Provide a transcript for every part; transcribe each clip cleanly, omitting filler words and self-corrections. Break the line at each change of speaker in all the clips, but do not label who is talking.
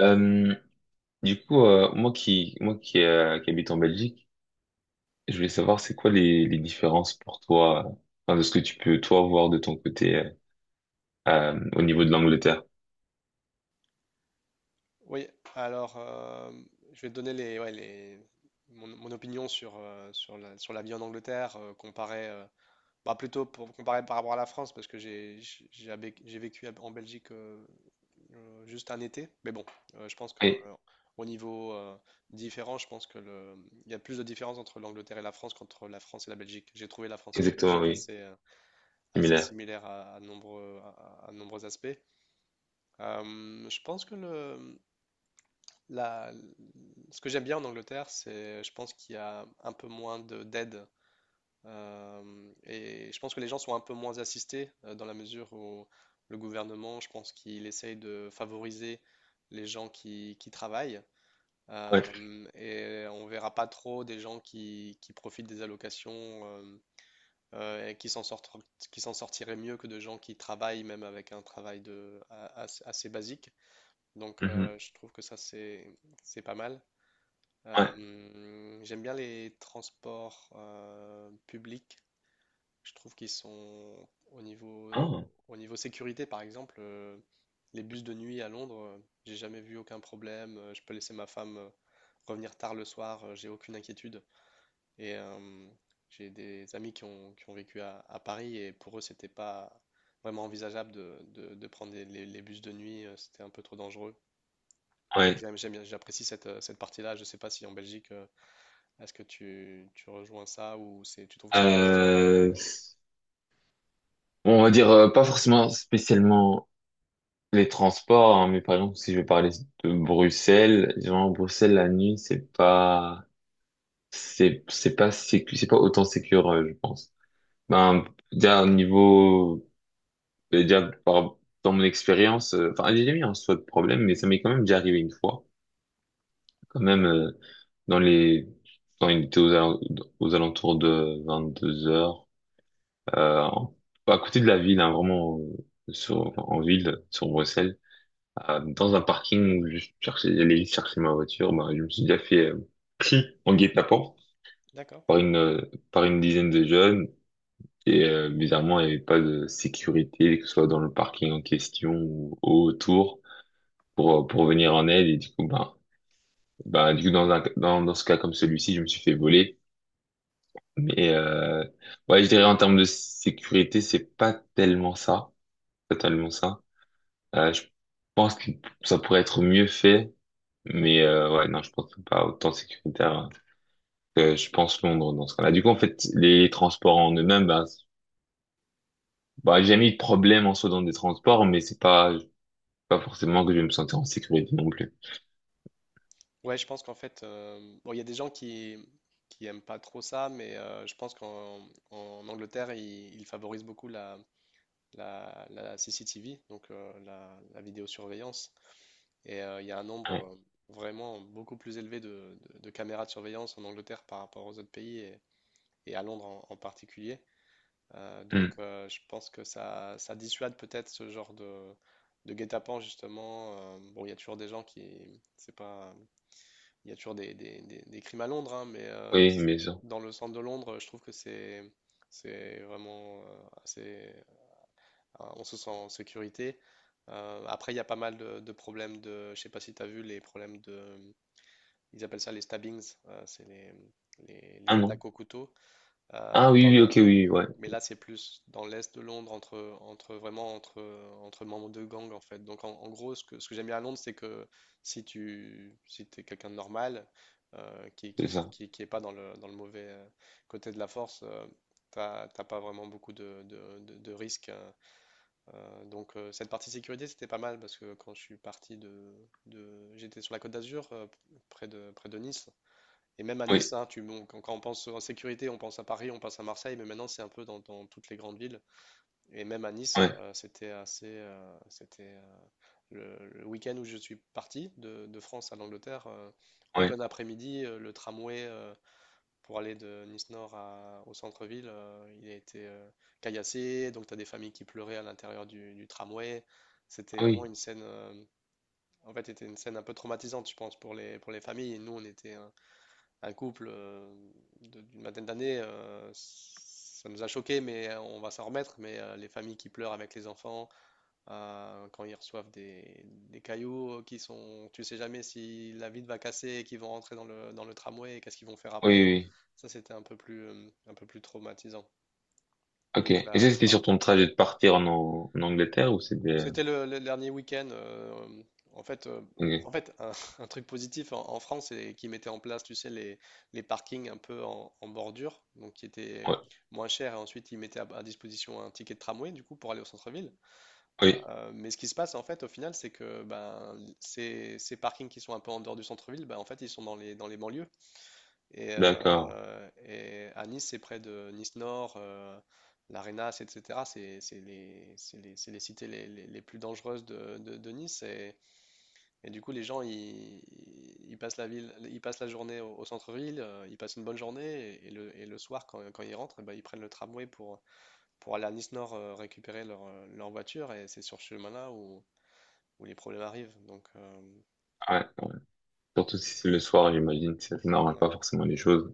Euh, qui habite en Belgique, je voulais savoir c'est quoi les différences pour toi, enfin, de ce que tu peux toi voir de ton côté au niveau de l'Angleterre.
Oui, alors je vais te donner les, ouais, les, mon opinion sur, sur la vie en Angleterre, comparée, bah, plutôt pour comparer par rapport à la France, parce que j'ai vécu en Belgique, juste un été. Mais bon, je pense qu'au
Oui,
au niveau, différent, je pense que le, il y a plus de différence entre l'Angleterre et la France qu'entre la France et la Belgique. J'ai trouvé la France et la
exactement,
Belgique
oui,
assez
similaire.
similaires à nombreux aspects. Je pense que le, la- Ce que j'aime bien en Angleterre, je pense qu'il y a un peu moins de d'aide, et je pense que les gens sont un peu moins assistés, dans la mesure où le gouvernement, je pense qu'il essaye de favoriser les gens qui travaillent,
Ouais.
et on verra pas trop des gens qui profitent des allocations, et qui s'en sortent, qui s'en sortiraient mieux que de gens qui travaillent même avec un travail assez basique. Donc,
Mhm.
je trouve que ça c'est pas mal.
Ouais.
J'aime bien les transports, publics. Je trouve qu'ils sont
Ah,
au niveau sécurité, par exemple, les bus de nuit à Londres, j'ai jamais vu aucun problème. Je peux laisser ma femme, revenir tard le soir, j'ai aucune inquiétude. Et j'ai des amis qui ont vécu à Paris, et pour eux, c'était pas vraiment envisageable de prendre les bus de nuit, c'était un peu trop dangereux. Donc
ouais.
j'apprécie cette partie-là. Je sais pas si en Belgique. Est-ce que tu rejoins ça ou tu trouves que c'est un peu différent?
Euh, bon, on va dire pas forcément spécialement les transports, hein, mais par exemple si je vais parler de Bruxelles, genre Bruxelles la nuit c'est pas sécu, c'est pas autant sécure, je pense. Ben, déjà, au niveau, ben, déjà, dans mon expérience, enfin, j'ai jamais eu en soi de problème, mais ça m'est quand même déjà arrivé une fois. Quand même, dans les, quand il était aux, al- aux alentours de 22 heures, euh, en- à côté de la ville, hein, vraiment, enfin, en ville, sur Bruxelles, dans un parking où je cherchais, j'allais juste chercher ma voiture, ben, je me suis déjà fait, pris en guet-apens
D'accord.
par par une dizaine de jeunes. Et bizarrement, il n'y avait pas de sécurité, que ce soit dans le parking en question ou autour, pour venir en aide. Et du coup, du coup, dans ce cas comme celui-ci, je me suis fait voler. Mais euh, ouais, je dirais en termes de sécurité, c'est pas tellement ça, pas tellement ça. Je pense que Ça pourrait être mieux fait, mais ouais, non, je pense que c'est pas autant sécuritaire que je pense Londres dans ce cas-là. Du coup, en fait, les transports en eux-mêmes, bah, j'ai jamais eu de problème en soi dans des transports, mais c'est pas, pas forcément que je vais me sentir en sécurité non plus.
Ouais, je pense qu'en fait, bon, il y a des gens qui aiment pas trop ça, mais je pense qu'en en Angleterre, ils favorisent beaucoup la CCTV, donc, la vidéosurveillance. Et il y a un nombre,
Ouais.
vraiment beaucoup plus élevé de caméras de surveillance en Angleterre par rapport aux autres pays et à Londres en particulier. Donc,
Hmm.
je pense que ça dissuade peut-être ce genre de guet-apens justement. Bon, il y a toujours des gens qui. C'est pas, Il y a toujours des crimes à Londres, hein, mais
Oui, bien sûr.
dans le centre de Londres, je trouve que c'est vraiment, assez. Ah, on se sent en sécurité. Après, il y a pas mal de problèmes de. Je sais pas si tu as vu les problèmes de. Ils appellent ça les stabbings, c'est les
Ah non.
attaques au couteau. Euh,
Ah oui,
dans
oui,
le,
ok, oui, oui, ouais,
mais là, c'est plus dans l'est de Londres, entre membres de gang en fait. Donc en gros, ce que j'aime bien à Londres, c'est que si t'es quelqu'un de normal, qui, qui,
c'est ça.
qui, qui est pas dans le mauvais, côté de la force, t'as pas vraiment beaucoup de risques, hein. Donc, cette partie sécurité, c'était pas mal parce que quand je suis parti j'étais sur la Côte d'Azur, près de Nice. Et même à Nice,
Oui,
hein, quand on pense en sécurité, on pense à Paris, on pense à Marseille, mais maintenant c'est un peu dans toutes les grandes villes. Et même à Nice,
ouais,
c'était, le week-end où je suis parti de France à l'Angleterre, en
ouais,
plein après-midi, le tramway, pour aller de Nice Nord au centre-ville, il a été, caillassé. Donc tu as des familles qui pleuraient à l'intérieur du tramway. C'était
ah
vraiment
oui,
une scène, en fait, c'était une scène un peu traumatisante, je pense, pour les familles. Et nous, on était, un couple, d'une vingtaine d'années, ça nous a choqués, mais on va s'en remettre. Mais les familles qui pleurent avec les enfants, quand ils reçoivent des cailloux, qui sont, tu sais jamais si la vitre va casser et qu'ils vont rentrer dans le tramway et qu'est-ce qu'ils vont faire
oui,
après.
oui. Oui.
Ça, c'était un peu plus traumatisant.
Ok.
Donc
Et ça,
là,
c'était
par-
sur ton trajet de partir en, en Angleterre ou c'était...
C'était le dernier week-end. En fait, euh, en
Ok.
fait un, un truc positif en France, c'est qu'ils mettaient en place, tu sais, les parkings un peu en bordure, donc qui étaient
Ouais,
moins chers. Et ensuite, ils mettaient à disposition un ticket de tramway, du coup, pour aller au centre-ville.
oui,
Mais ce qui se passe, en fait, au final, c'est que ben, ces parkings qui sont un peu en dehors du centre-ville, ben, en fait, ils sont dans les banlieues. Et,
d'accord.
euh, et à Nice, c'est près de Nice Nord, l'Arenas, etc. C'est les cités les plus dangereuses de Nice. Et du coup, les gens, ils passent la ville, ils passent la journée au centre-ville, ils passent une bonne journée. Et le soir, quand ils rentrent, eh ben, ils prennent le tramway pour aller à Nice Nord, récupérer leur voiture. Et c'est sur ce chemin-là où les problèmes arrivent. Donc,
Ouais, ouais. Surtout si c'est le soir, j'imagine, ça ne
ouais.
pas forcément les choses.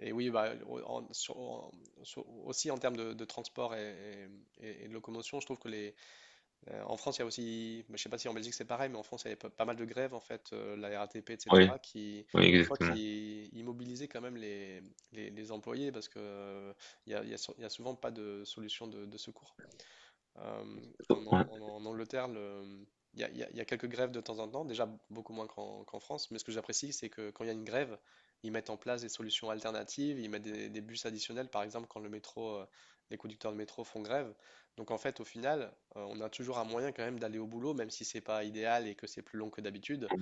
Et oui, bah, aussi en termes de transport et de locomotion, je trouve que en France, il y a aussi, bah, je sais pas si en Belgique c'est pareil, mais en France, il y avait pas, pas mal de grèves en fait, la RATP, etc.,
Oui,
qui
oui,
des fois
exactement.
qui immobilisaient quand même les employés parce que, il y a sou- il y a souvent pas de solution de secours. Euh, en, An-
Ouais,
en- en Angleterre, le- il y a, il y a- il y a quelques grèves de temps en temps, déjà beaucoup moins qu'en France, mais ce que j'apprécie, c'est que quand il y a une grève, ils mettent en place des solutions alternatives, ils mettent des bus additionnels, par exemple quand les conducteurs de métro font grève. Donc en fait, au final, on a toujours un moyen quand même d'aller au boulot, même si c'est pas idéal et que c'est plus long que d'habitude.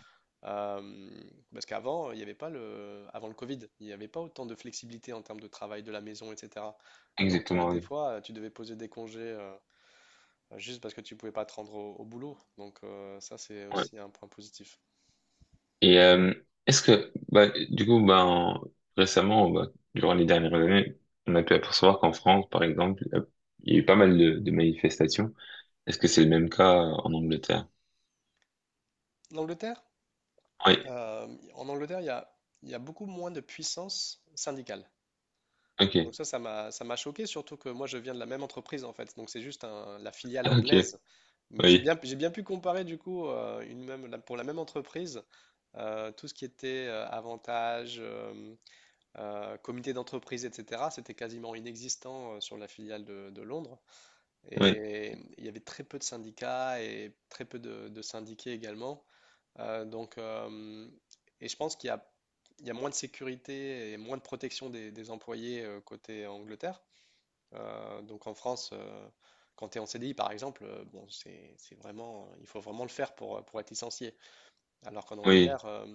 Euh, Parce qu'avant, il n'y avait pas le, avant le Covid, il n'y avait pas autant de flexibilité en termes de travail de la maison, etc. Donc,
exactement,
des
oui.
fois, tu devais poser des congés, juste parce que tu pouvais pas te rendre au boulot. Donc, ça, c'est
Ouais.
aussi un point positif.
Et est-ce que, bah, du coup, récemment, bah, durant les dernières années, on a pu apercevoir qu'en France, par exemple, il y a eu pas mal de manifestations. Est-ce que c'est le même cas en Angleterre?
L'Angleterre,
Oui,
euh, En Angleterre, il y a beaucoup moins de puissance syndicale. Donc
ok,
ça, ça m'a choqué, surtout que moi, je viens de la même entreprise, en fait. Donc c'est juste la filiale
ah, ok,
anglaise. Mais j'ai
oui,
bien, j'ai bien pu comparer, du coup, pour la même entreprise, tout ce qui était, avantages, comité d'entreprise, etc., c'était quasiment inexistant, sur la filiale de Londres.
oui,
Et il y avait très peu de syndicats et très peu de syndiqués également. Euh, donc, euh, et je pense qu'il y a moins de sécurité et moins de protection des employés, côté Angleterre. Donc en France, quand tu es en CDI par exemple, bon, il faut vraiment le faire pour être licencié. Alors qu'en
oui,
Angleterre,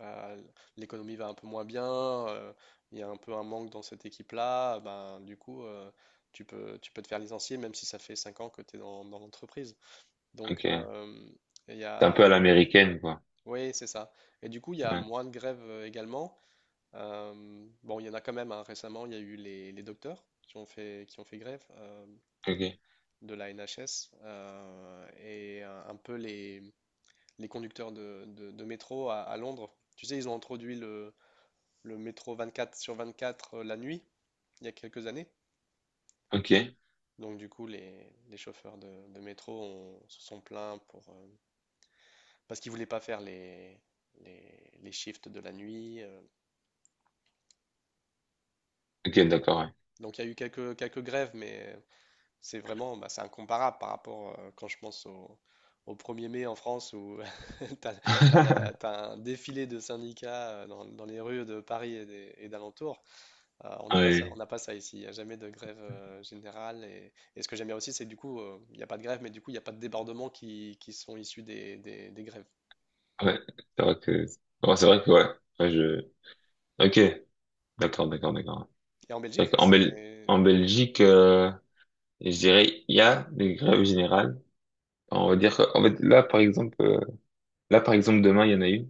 euh, l'économie va un peu moins bien, euh, il y a un peu un manque dans cette équipe-là, ben, du coup, tu peux te faire licencier même si ça fait 5 ans que tu es dans l'entreprise. Donc,
ok.
il y
C'est un
a.
peu à l'américaine, quoi.
Oui, c'est ça. Et du coup, il y a
Ouais.
moins de grèves, également. Bon, il y en a quand même, hein. Récemment, il y a eu les docteurs qui ont fait grève,
Ok,
de la NHS, et un peu les conducteurs de métro à Londres. Tu sais, ils ont introduit le métro 24 sur 24, la nuit, il y a quelques années.
ok,
Donc du coup, les chauffeurs de métro se sont plaints parce qu'ils voulaient pas faire les shifts de la nuit.
ok,
Donc,
d'accord, ouais.
donc il y a eu quelques grèves, mais c'est incomparable par rapport, quand je pense au 1er mai en France où t'as, t'as un défilé de syndicats, dans les rues de Paris et d'alentours. On n'a pas ça,
Oui,
on n'a pas ça ici. Il n'y a jamais de grève, générale. Et ce que j'aime bien aussi, c'est que du coup, il n'y a pas de grève, mais du coup, il n'y a pas de débordements qui sont issus des grèves.
ouais, c'est vrai que, ouais, c'est vrai que, ouais, ouais, je, ok, d'accord, d'accord, d'accord.
Et en
Fait
Belgique,
qu'en
c'est
Bel- En Belgique, et je dirais, il y a des grèves générales. On va dire que, en fait, là, par exemple, demain, il y en a eu.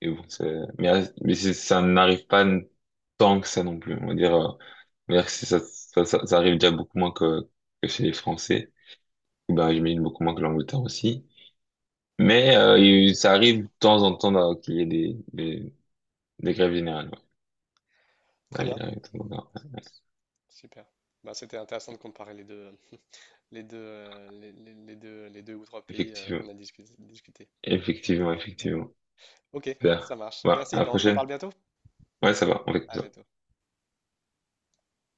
Et bon, c'est- mais, ça n'arrive pas n- tant que ça non plus. On va dire que ça arrive déjà beaucoup moins que chez les Français. Et ben, j'imagine beaucoup moins que l'Angleterre aussi. Mais ça arrive de temps en temps qu'il y ait des grèves générales. Ouais.
très
Ouais,
bien.
il arrive de temps en temps.
Super. Bah, c'était intéressant de comparer les deux ou trois pays,
Effectivement,
qu'on a discuté.
effectivement, effectivement.
Ok, ça
Super.
marche.
Voilà,
Merci.
à la
Bah, on se reparle
prochaine.
bientôt.
Ouais, ça va, on fait comme
À
ça.
bientôt.